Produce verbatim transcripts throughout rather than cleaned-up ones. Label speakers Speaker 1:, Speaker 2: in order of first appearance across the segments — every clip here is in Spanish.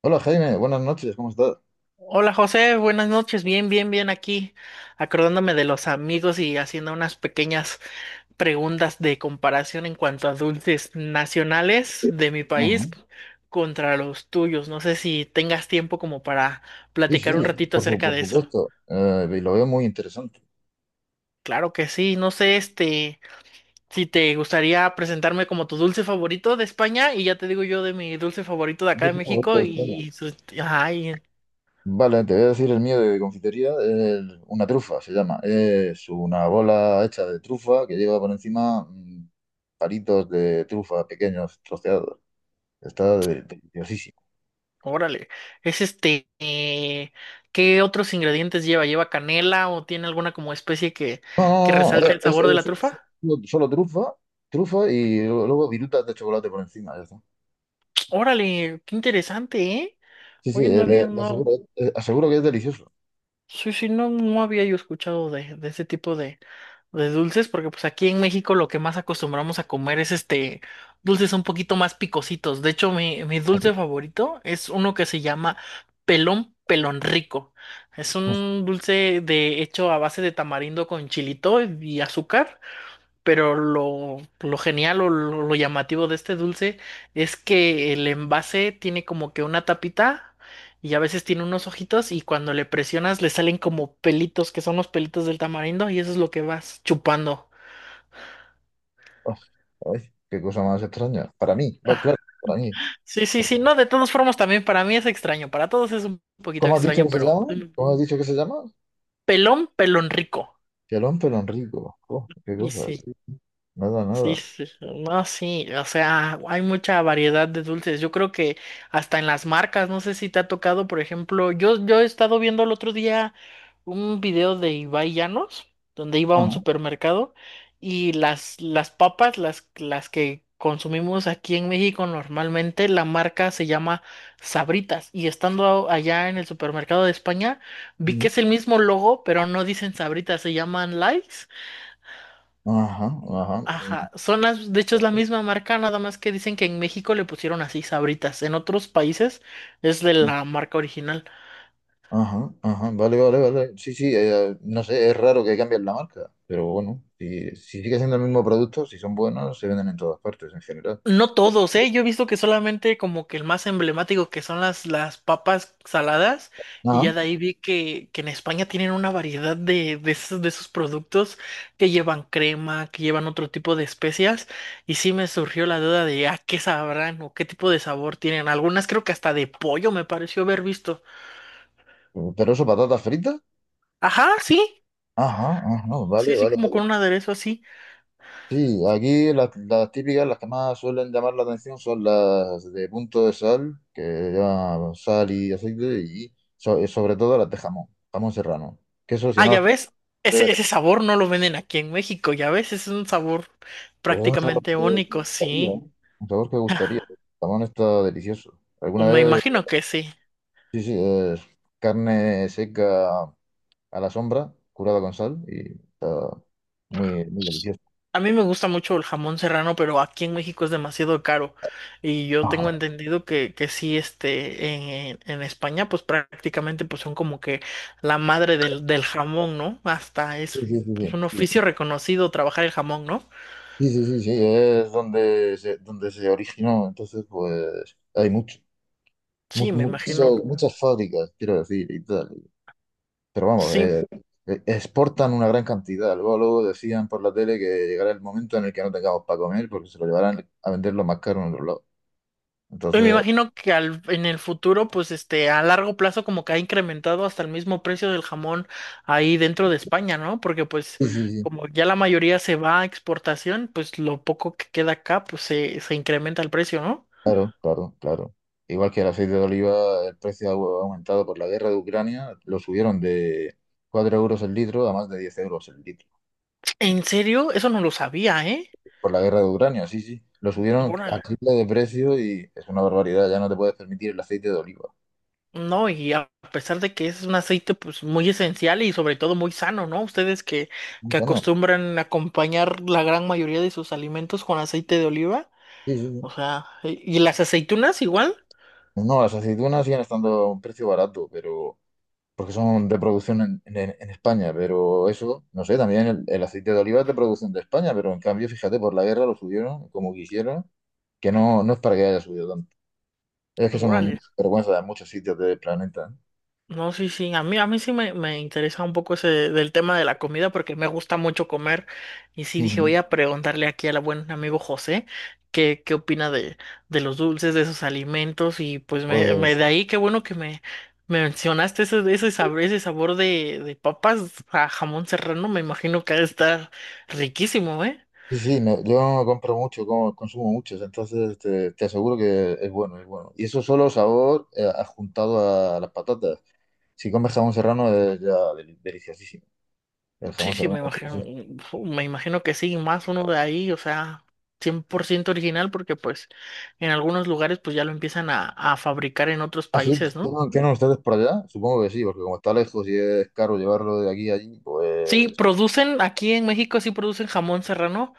Speaker 1: Hola Jaime, buenas noches, ¿cómo estás?
Speaker 2: Hola José, buenas noches, bien, bien, bien aquí, acordándome de los amigos y haciendo unas pequeñas preguntas de comparación en cuanto a dulces nacionales de mi país
Speaker 1: Ajá.
Speaker 2: contra los tuyos. No sé si tengas tiempo como para
Speaker 1: Sí, sí,
Speaker 2: platicar un
Speaker 1: bueno,
Speaker 2: ratito
Speaker 1: por su-
Speaker 2: acerca
Speaker 1: por
Speaker 2: de eso.
Speaker 1: supuesto, eh, y lo veo muy interesante.
Speaker 2: Claro que sí, no sé, este, si te gustaría presentarme como tu dulce favorito de España y ya te digo yo de mi dulce favorito de
Speaker 1: ¿Cuál
Speaker 2: acá de
Speaker 1: es tu favorito
Speaker 2: México
Speaker 1: de España?
Speaker 2: y, y, su- ajá, y.
Speaker 1: Vale, te voy a decir el mío de confitería, el- una trufa se llama. Es una bola hecha de trufa que lleva por encima, mm, palitos de trufa pequeños, troceados. Está de- deliciosísimo.
Speaker 2: Órale. Es este, eh, ¿qué otros ingredientes lleva? ¿Lleva canela o tiene alguna como especie que,
Speaker 1: No,
Speaker 2: que
Speaker 1: no, no, no,
Speaker 2: resalte el
Speaker 1: es,
Speaker 2: sabor de la
Speaker 1: es- es
Speaker 2: trufa?
Speaker 1: solo solo trufa, trufa y luego virutas de chocolate por encima, ya está.
Speaker 2: Órale, qué interesante, ¿eh?
Speaker 1: Sí, sí,
Speaker 2: Oye, no
Speaker 1: eh,
Speaker 2: había,
Speaker 1: le, le
Speaker 2: no,
Speaker 1: aseguro, eh, aseguro que es delicioso.
Speaker 2: sí, sí, no, no había yo escuchado de, de ese tipo de, de dulces, porque pues aquí en México lo que más acostumbramos a comer es este dulces un poquito más picositos. De hecho, mi, mi
Speaker 1: Así.
Speaker 2: dulce favorito es uno que se llama pelón pelón rico. Es un dulce de hecho a base de tamarindo con chilito y azúcar. Pero lo, lo genial o lo, lo llamativo de este dulce es que el envase tiene como que una tapita y a veces tiene unos ojitos y cuando le presionas le salen como pelitos, que son los pelitos del tamarindo y eso es lo que vas chupando.
Speaker 1: Uf, ay, qué cosa más extraña. Para mí, va,
Speaker 2: Ah,
Speaker 1: claro, para mí.
Speaker 2: sí, sí, sí, no, de todas formas también para mí es extraño, para todos es un poquito
Speaker 1: ¿Cómo has dicho
Speaker 2: extraño,
Speaker 1: que se
Speaker 2: pero
Speaker 1: llama?
Speaker 2: mm,
Speaker 1: ¿Cómo has dicho que se llama?
Speaker 2: pelón, pelón rico.
Speaker 1: Pelón, pelón rico. Oh, qué
Speaker 2: Y
Speaker 1: cosa.
Speaker 2: sí.
Speaker 1: Nada,
Speaker 2: Sí,
Speaker 1: nada.
Speaker 2: sí, sí, no, sí, o sea, hay mucha variedad de dulces. Yo creo que hasta en las marcas, no sé si te ha tocado, por ejemplo, yo, yo he estado viendo el otro día un video de Ibai Llanos, donde iba a un
Speaker 1: Ajá,
Speaker 2: supermercado y las, las papas, las, las que consumimos aquí en México normalmente, la marca se llama Sabritas. Y estando allá en el supermercado de España, vi que
Speaker 1: mm,
Speaker 2: es el mismo logo, pero no dicen Sabritas, se llaman Lays.
Speaker 1: ajá, ajá,
Speaker 2: Ajá, son las, de hecho es la misma marca, nada más que dicen que en México le pusieron así Sabritas, en otros países es de
Speaker 1: mm,
Speaker 2: la marca original.
Speaker 1: ajá, ajá. Vale, vale, vale. Sí, sí, eh, no sé, es raro que cambien la marca, pero bueno, si si sigue siendo el mismo producto, si son buenos, se venden en todas partes en general.
Speaker 2: No todos, ¿eh? Yo he visto que solamente como que el más emblemático que son las, las papas saladas y
Speaker 1: Ajá,
Speaker 2: ya de ahí vi que, que en España tienen una variedad de, de esos, de esos productos que llevan crema, que llevan otro tipo de especias y sí me surgió la duda de, ah, ¿qué sabrán o qué tipo de sabor tienen? Algunas creo que hasta de pollo me pareció haber visto.
Speaker 1: pero eso, patatas fritas.
Speaker 2: Ajá, sí.
Speaker 1: Ajá, ajá, vale,
Speaker 2: Sí, sí,
Speaker 1: vale.
Speaker 2: como con un aderezo así.
Speaker 1: Sí, aquí las, las típicas, las que más suelen llamar la atención son las de punto de sal, que llevan sal y aceite, y so- y sobre todo las de jamón, jamón serrano. Que eso, si
Speaker 2: Ah,
Speaker 1: no las
Speaker 2: ya ves,
Speaker 1: pruebas,
Speaker 2: ese, ese sabor no lo venden aquí en México, ya ves, es un sabor
Speaker 1: pues es un sabor
Speaker 2: prácticamente
Speaker 1: que
Speaker 2: único,
Speaker 1: gustaría,
Speaker 2: sí.
Speaker 1: ¿eh? Un sabor que gustaría. El jamón está delicioso.
Speaker 2: Pues,
Speaker 1: Alguna
Speaker 2: me
Speaker 1: vez,
Speaker 2: imagino que sí.
Speaker 1: sí, sí, es carne seca a la sombra, curada con sal, y está muy, muy delicioso.
Speaker 2: A mí me gusta mucho el jamón serrano, pero aquí en México es demasiado caro. Y yo tengo entendido que, que sí, este, en, en- España, pues prácticamente pues son como que la madre del, del jamón, ¿no? Hasta
Speaker 1: Sí,
Speaker 2: es
Speaker 1: sí,
Speaker 2: pues,
Speaker 1: sí,
Speaker 2: un oficio
Speaker 1: sí.
Speaker 2: reconocido trabajar el jamón, ¿no?
Speaker 1: Sí, sí, sí, sí, es donde se donde se originó. Entonces, pues hay mucho, mu-
Speaker 2: Sí, me imagino.
Speaker 1: mucho- muchas fábricas, quiero decir, y tal. Pero vamos,
Speaker 2: Sí,
Speaker 1: eh, eh, exportan una gran cantidad. Luego, luego decían por la tele que llegará el momento en el que no tengamos para comer porque se lo llevarán a venderlo más caro en otro lado.
Speaker 2: yo me
Speaker 1: Entonces,
Speaker 2: imagino que al, en el futuro, pues este, a largo plazo como que ha incrementado hasta el mismo precio del jamón ahí dentro de España, ¿no? Porque pues
Speaker 1: sí, sí, sí,
Speaker 2: como ya la mayoría se va a exportación, pues lo poco que queda acá, pues se, se incrementa el precio, ¿no?
Speaker 1: claro, claro, claro. Igual que el aceite de oliva, el precio ha au- aumentado por la guerra de Ucrania, lo subieron de cuatro euros el litro a más de diez euros el litro.
Speaker 2: En serio, eso no lo sabía, ¿eh?
Speaker 1: Por la guerra de Ucrania, sí, sí. Lo subieron
Speaker 2: Órale.
Speaker 1: al triple de precio y es una barbaridad. Ya no te puedes permitir el aceite de oliva.
Speaker 2: No, y a pesar de que es un aceite pues muy esencial y sobre todo muy sano, ¿no? Ustedes que, que
Speaker 1: Bueno,
Speaker 2: acostumbran a acompañar la gran mayoría de sus alimentos con aceite de oliva,
Speaker 1: sí, sí, sí.
Speaker 2: o sea, ¿y y las aceitunas igual?
Speaker 1: No, las aceitunas siguen estando a un precio barato, pero porque son de producción en, en- en España. Pero eso, no sé, también el, el aceite de oliva es de producción de España, pero en cambio, fíjate, por la guerra lo subieron como quisieron, que no, no es para que haya subido tanto. Es que son un
Speaker 2: Órale.
Speaker 1: vergüenza de muchos sitios del planeta, ¿eh?
Speaker 2: No, sí, sí. A mí, a mí sí me, me interesa un poco ese del tema de la comida porque me gusta mucho comer. Y sí dije, voy
Speaker 1: Ujú.
Speaker 2: a preguntarle aquí al buen amigo José qué, qué opina de, de los dulces, de esos alimentos. Y pues me, me-
Speaker 1: Pues
Speaker 2: de ahí qué bueno que me, me mencionaste ese, ese sabor, ese sabor de, de papas a jamón serrano. Me imagino que ha de estar riquísimo, ¿eh?
Speaker 1: sí, sí, no, yo compro mucho, como- consumo muchos, entonces te, te aseguro que es bueno, es bueno. Y eso, solo sabor, eh, adjuntado a las patatas. Si comes jamón serrano es ya deli- deliciosísimo. El
Speaker 2: Sí,
Speaker 1: jamón
Speaker 2: sí, me
Speaker 1: serrano. Sí.
Speaker 2: imagino, me imagino que sí, más uno de ahí, o sea, cien por ciento original, porque pues en algunos lugares pues ya lo empiezan a, a fabricar en otros
Speaker 1: Ah, sí,
Speaker 2: países, ¿no?
Speaker 1: ¿tienen, tienen ustedes por allá? Supongo que sí, porque como está lejos y es caro llevarlo de aquí a allí,
Speaker 2: Sí,
Speaker 1: pues...
Speaker 2: producen, aquí en México sí producen jamón serrano,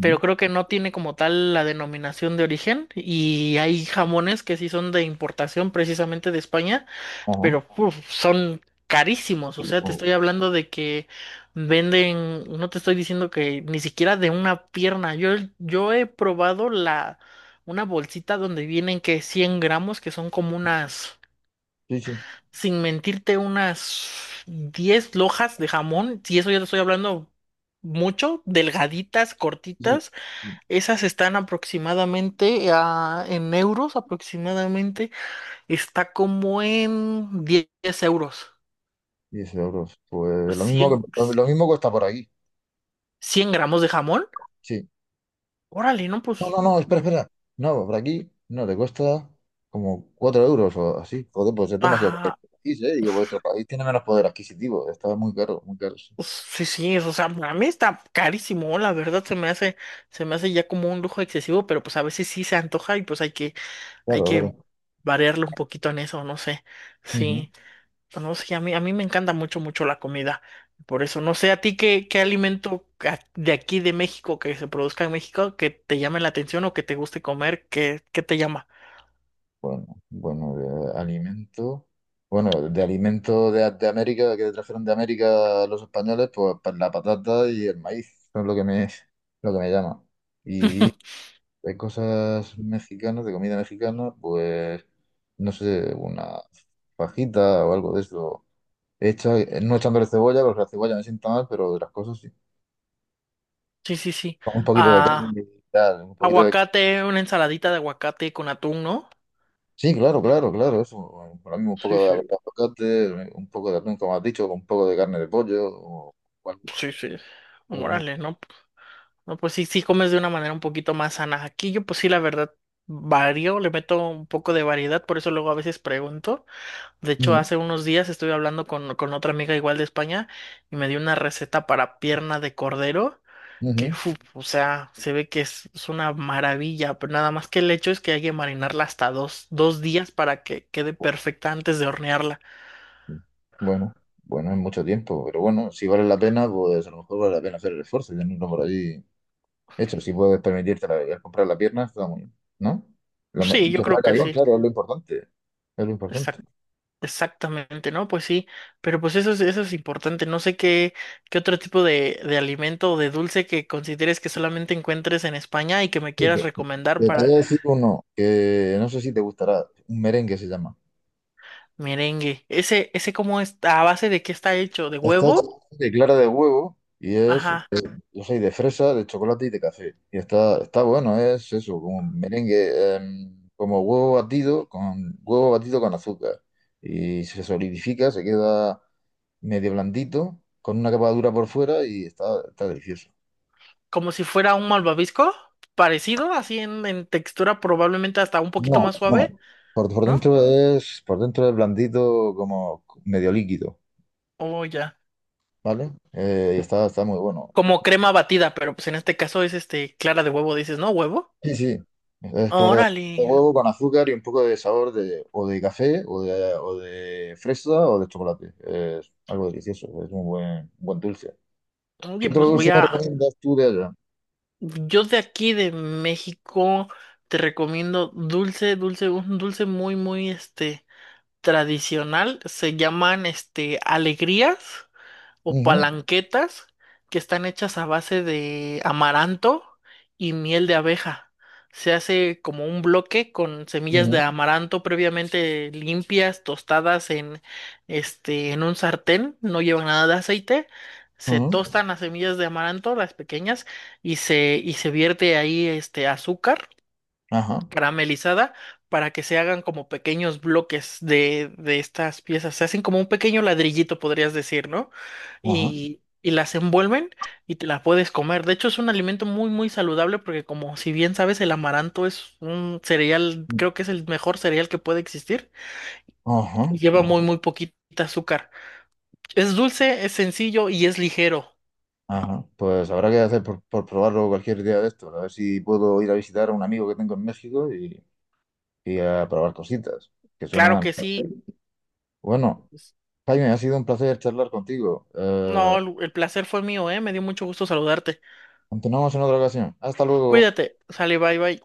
Speaker 2: pero creo que no tiene como tal la denominación de origen y hay jamones que sí son de importación precisamente de España
Speaker 1: ajá.
Speaker 2: pero uf, son carísimos. O sea, te estoy hablando de que venden, no te estoy diciendo que ni siquiera de una pierna. Yo, yo he probado la, una bolsita donde vienen que cien gramos, que son como unas,
Speaker 1: Sí, sí,
Speaker 2: sin mentirte, unas diez lojas de jamón. Si eso ya te estoy hablando. Mucho, delgaditas,
Speaker 1: sí.
Speaker 2: cortitas,
Speaker 1: Sí.
Speaker 2: esas están aproximadamente a, en euros, aproximadamente está como en diez euros.
Speaker 1: diez euros. Pues lo mismo
Speaker 2: cien
Speaker 1: que, lo mismo cuesta por aquí.
Speaker 2: Cien gramos de jamón.
Speaker 1: Sí.
Speaker 2: Órale, no, pues.
Speaker 1: No, no, no, espera,
Speaker 2: mm,
Speaker 1: espera. No, por aquí no, te cuesta como cuatro euros o así. Joder, pues es demasiado caro
Speaker 2: Ah,
Speaker 1: este país, ¿eh? Digo, vuestro país tiene menos poder adquisitivo. Está muy caro, muy caro, sí.
Speaker 2: pues, sí, sí, o sea, a mí está carísimo, la verdad se me hace, se me hace ya como un lujo excesivo, pero pues a veces sí se antoja y pues hay que, hay
Speaker 1: Claro, claro.
Speaker 2: que variarle un poquito en eso, no sé.
Speaker 1: Ujú.
Speaker 2: Sí, pues, no sé, a mí, a mí me encanta mucho, mucho la comida. Por eso, no sé, a ti qué, qué alimento a- de aquí de México que se produzca en México que te llame la atención o que te guste comer, que, qué qué te llama.
Speaker 1: Bueno, bueno, de alimento. Bueno, de alimento de, de América, que trajeron de América los españoles, pues pa- la patata y el maíz son lo que me, lo que me llama. Y de cosas mexicanas, de comida mexicana, pues no sé, una fajita o algo de eso hecha, eh, no echándole cebolla, porque la cebolla me sienta mal, pero de las cosas sí.
Speaker 2: Sí, sí, sí.
Speaker 1: Un poquito de
Speaker 2: Ah,
Speaker 1: carne, y tal, un poquito de...
Speaker 2: aguacate, una ensaladita de aguacate con atún, ¿no?
Speaker 1: Sí, claro, claro, claro, eso. Bueno, para mí un
Speaker 2: Sí,
Speaker 1: poco de
Speaker 2: sí,
Speaker 1: aguacate, eh, un poco de atún, como has dicho, un poco de carne de pollo, o
Speaker 2: sí, sí.
Speaker 1: algo- algo.
Speaker 2: Morales, ¿no? No, pues sí, sí comes de una manera un poquito más sana. Aquí yo, pues sí, la verdad, varío, le meto un poco de variedad, por eso luego a veces pregunto. De hecho,
Speaker 1: Mm,
Speaker 2: hace unos días estuve hablando con, con otra amiga igual de España y me dio una receta para pierna de cordero, que,
Speaker 1: ujú.
Speaker 2: fu, o sea, se ve que es, es una maravilla, pero nada más que el hecho es que hay que marinarla hasta dos, dos días para que quede perfecta antes de hornearla.
Speaker 1: Bueno, bueno, es mucho tiempo, pero bueno, si vale la pena, pues a lo mejor vale la pena hacer el esfuerzo y tenerlo por allí hecho. Si puedes permitirte la- el comprar la pierna, está muy bien, ¿no? Lo, me-
Speaker 2: Sí, yo
Speaker 1: que
Speaker 2: creo
Speaker 1: salga
Speaker 2: que
Speaker 1: bien,
Speaker 2: sí.
Speaker 1: claro, es lo importante. Es lo importante.
Speaker 2: Exac- exactamente, ¿no? Pues sí, pero pues eso es, eso es importante. No sé qué, qué otro tipo de, de alimento o de dulce que consideres que solamente encuentres en España y que me quieras
Speaker 1: Fíjate,
Speaker 2: recomendar
Speaker 1: te te voy
Speaker 2: para
Speaker 1: a decir uno que no sé si te gustará, un merengue se llama.
Speaker 2: merengue. Ese, ese cómo está, a base de qué está hecho, de
Speaker 1: Está hecho
Speaker 2: huevo,
Speaker 1: de clara de huevo y es,
Speaker 2: ajá,
Speaker 1: yo soy de fresa, de chocolate y de café. Y está, está bueno, es eso, como un merengue, em, como huevo batido con huevo batido con azúcar. Y se solidifica, se queda medio blandito, con una capa dura por fuera y está, está delicioso.
Speaker 2: como si fuera un malvavisco, parecido, así en, en textura, probablemente hasta un poquito
Speaker 1: No,
Speaker 2: más suave,
Speaker 1: no. Por, por
Speaker 2: ¿no?
Speaker 1: dentro es, por dentro es blandito como medio líquido.
Speaker 2: O ya.
Speaker 1: ¿Vale? Eh, y está, está muy bueno.
Speaker 2: Como crema batida, pero pues en este caso es este clara de huevo, dices, ¿no? ¿Huevo?
Speaker 1: Sí, sí, es claro.
Speaker 2: Órale.
Speaker 1: Huevo con azúcar y un poco de sabor de, o de café, o de o de fresa, o de chocolate. Es algo delicioso, es un buen, buen dulce. ¿Qué
Speaker 2: Oye,
Speaker 1: otro
Speaker 2: pues voy
Speaker 1: dulce me
Speaker 2: a.
Speaker 1: recomiendas tú de allá?
Speaker 2: Yo de aquí de México te recomiendo dulce, dulce, un dulce muy, muy este tradicional. Se llaman este alegrías o
Speaker 1: Ujú,
Speaker 2: palanquetas que están hechas a base de amaranto y miel de abeja. Se hace como un bloque con semillas
Speaker 1: ujú,
Speaker 2: de amaranto previamente limpias, tostadas en este en un sartén, no llevan nada de aceite. Se
Speaker 1: ujú.
Speaker 2: tostan las semillas de amaranto, las pequeñas, y se y se vierte ahí este azúcar
Speaker 1: Ajá,
Speaker 2: caramelizada para que se hagan como pequeños bloques de, de estas piezas. Se hacen como un pequeño ladrillito, podrías decir, ¿no?
Speaker 1: ajá,
Speaker 2: Y, y las envuelven y te las puedes comer. De hecho, es un alimento muy, muy saludable porque como si bien sabes, el amaranto es un cereal, creo que es el mejor cereal que puede existir
Speaker 1: ajá,
Speaker 2: y lleva
Speaker 1: ajá,
Speaker 2: muy, muy poquita azúcar. Es dulce, es sencillo y es ligero.
Speaker 1: ajá. Pues habrá que hacer por, por probarlo cualquier día de estos. A ver si puedo ir a visitar a un amigo que tengo en México y, y a probar cositas. Que
Speaker 2: Claro
Speaker 1: suena.
Speaker 2: que sí.
Speaker 1: Bueno.
Speaker 2: Pues,
Speaker 1: Jaime, ha sido un placer charlar contigo. Eh,
Speaker 2: no, el el placer fue mío, ¿eh? Me dio mucho gusto saludarte.
Speaker 1: continuamos en otra ocasión. Hasta luego.
Speaker 2: Cuídate. Sale, bye, bye.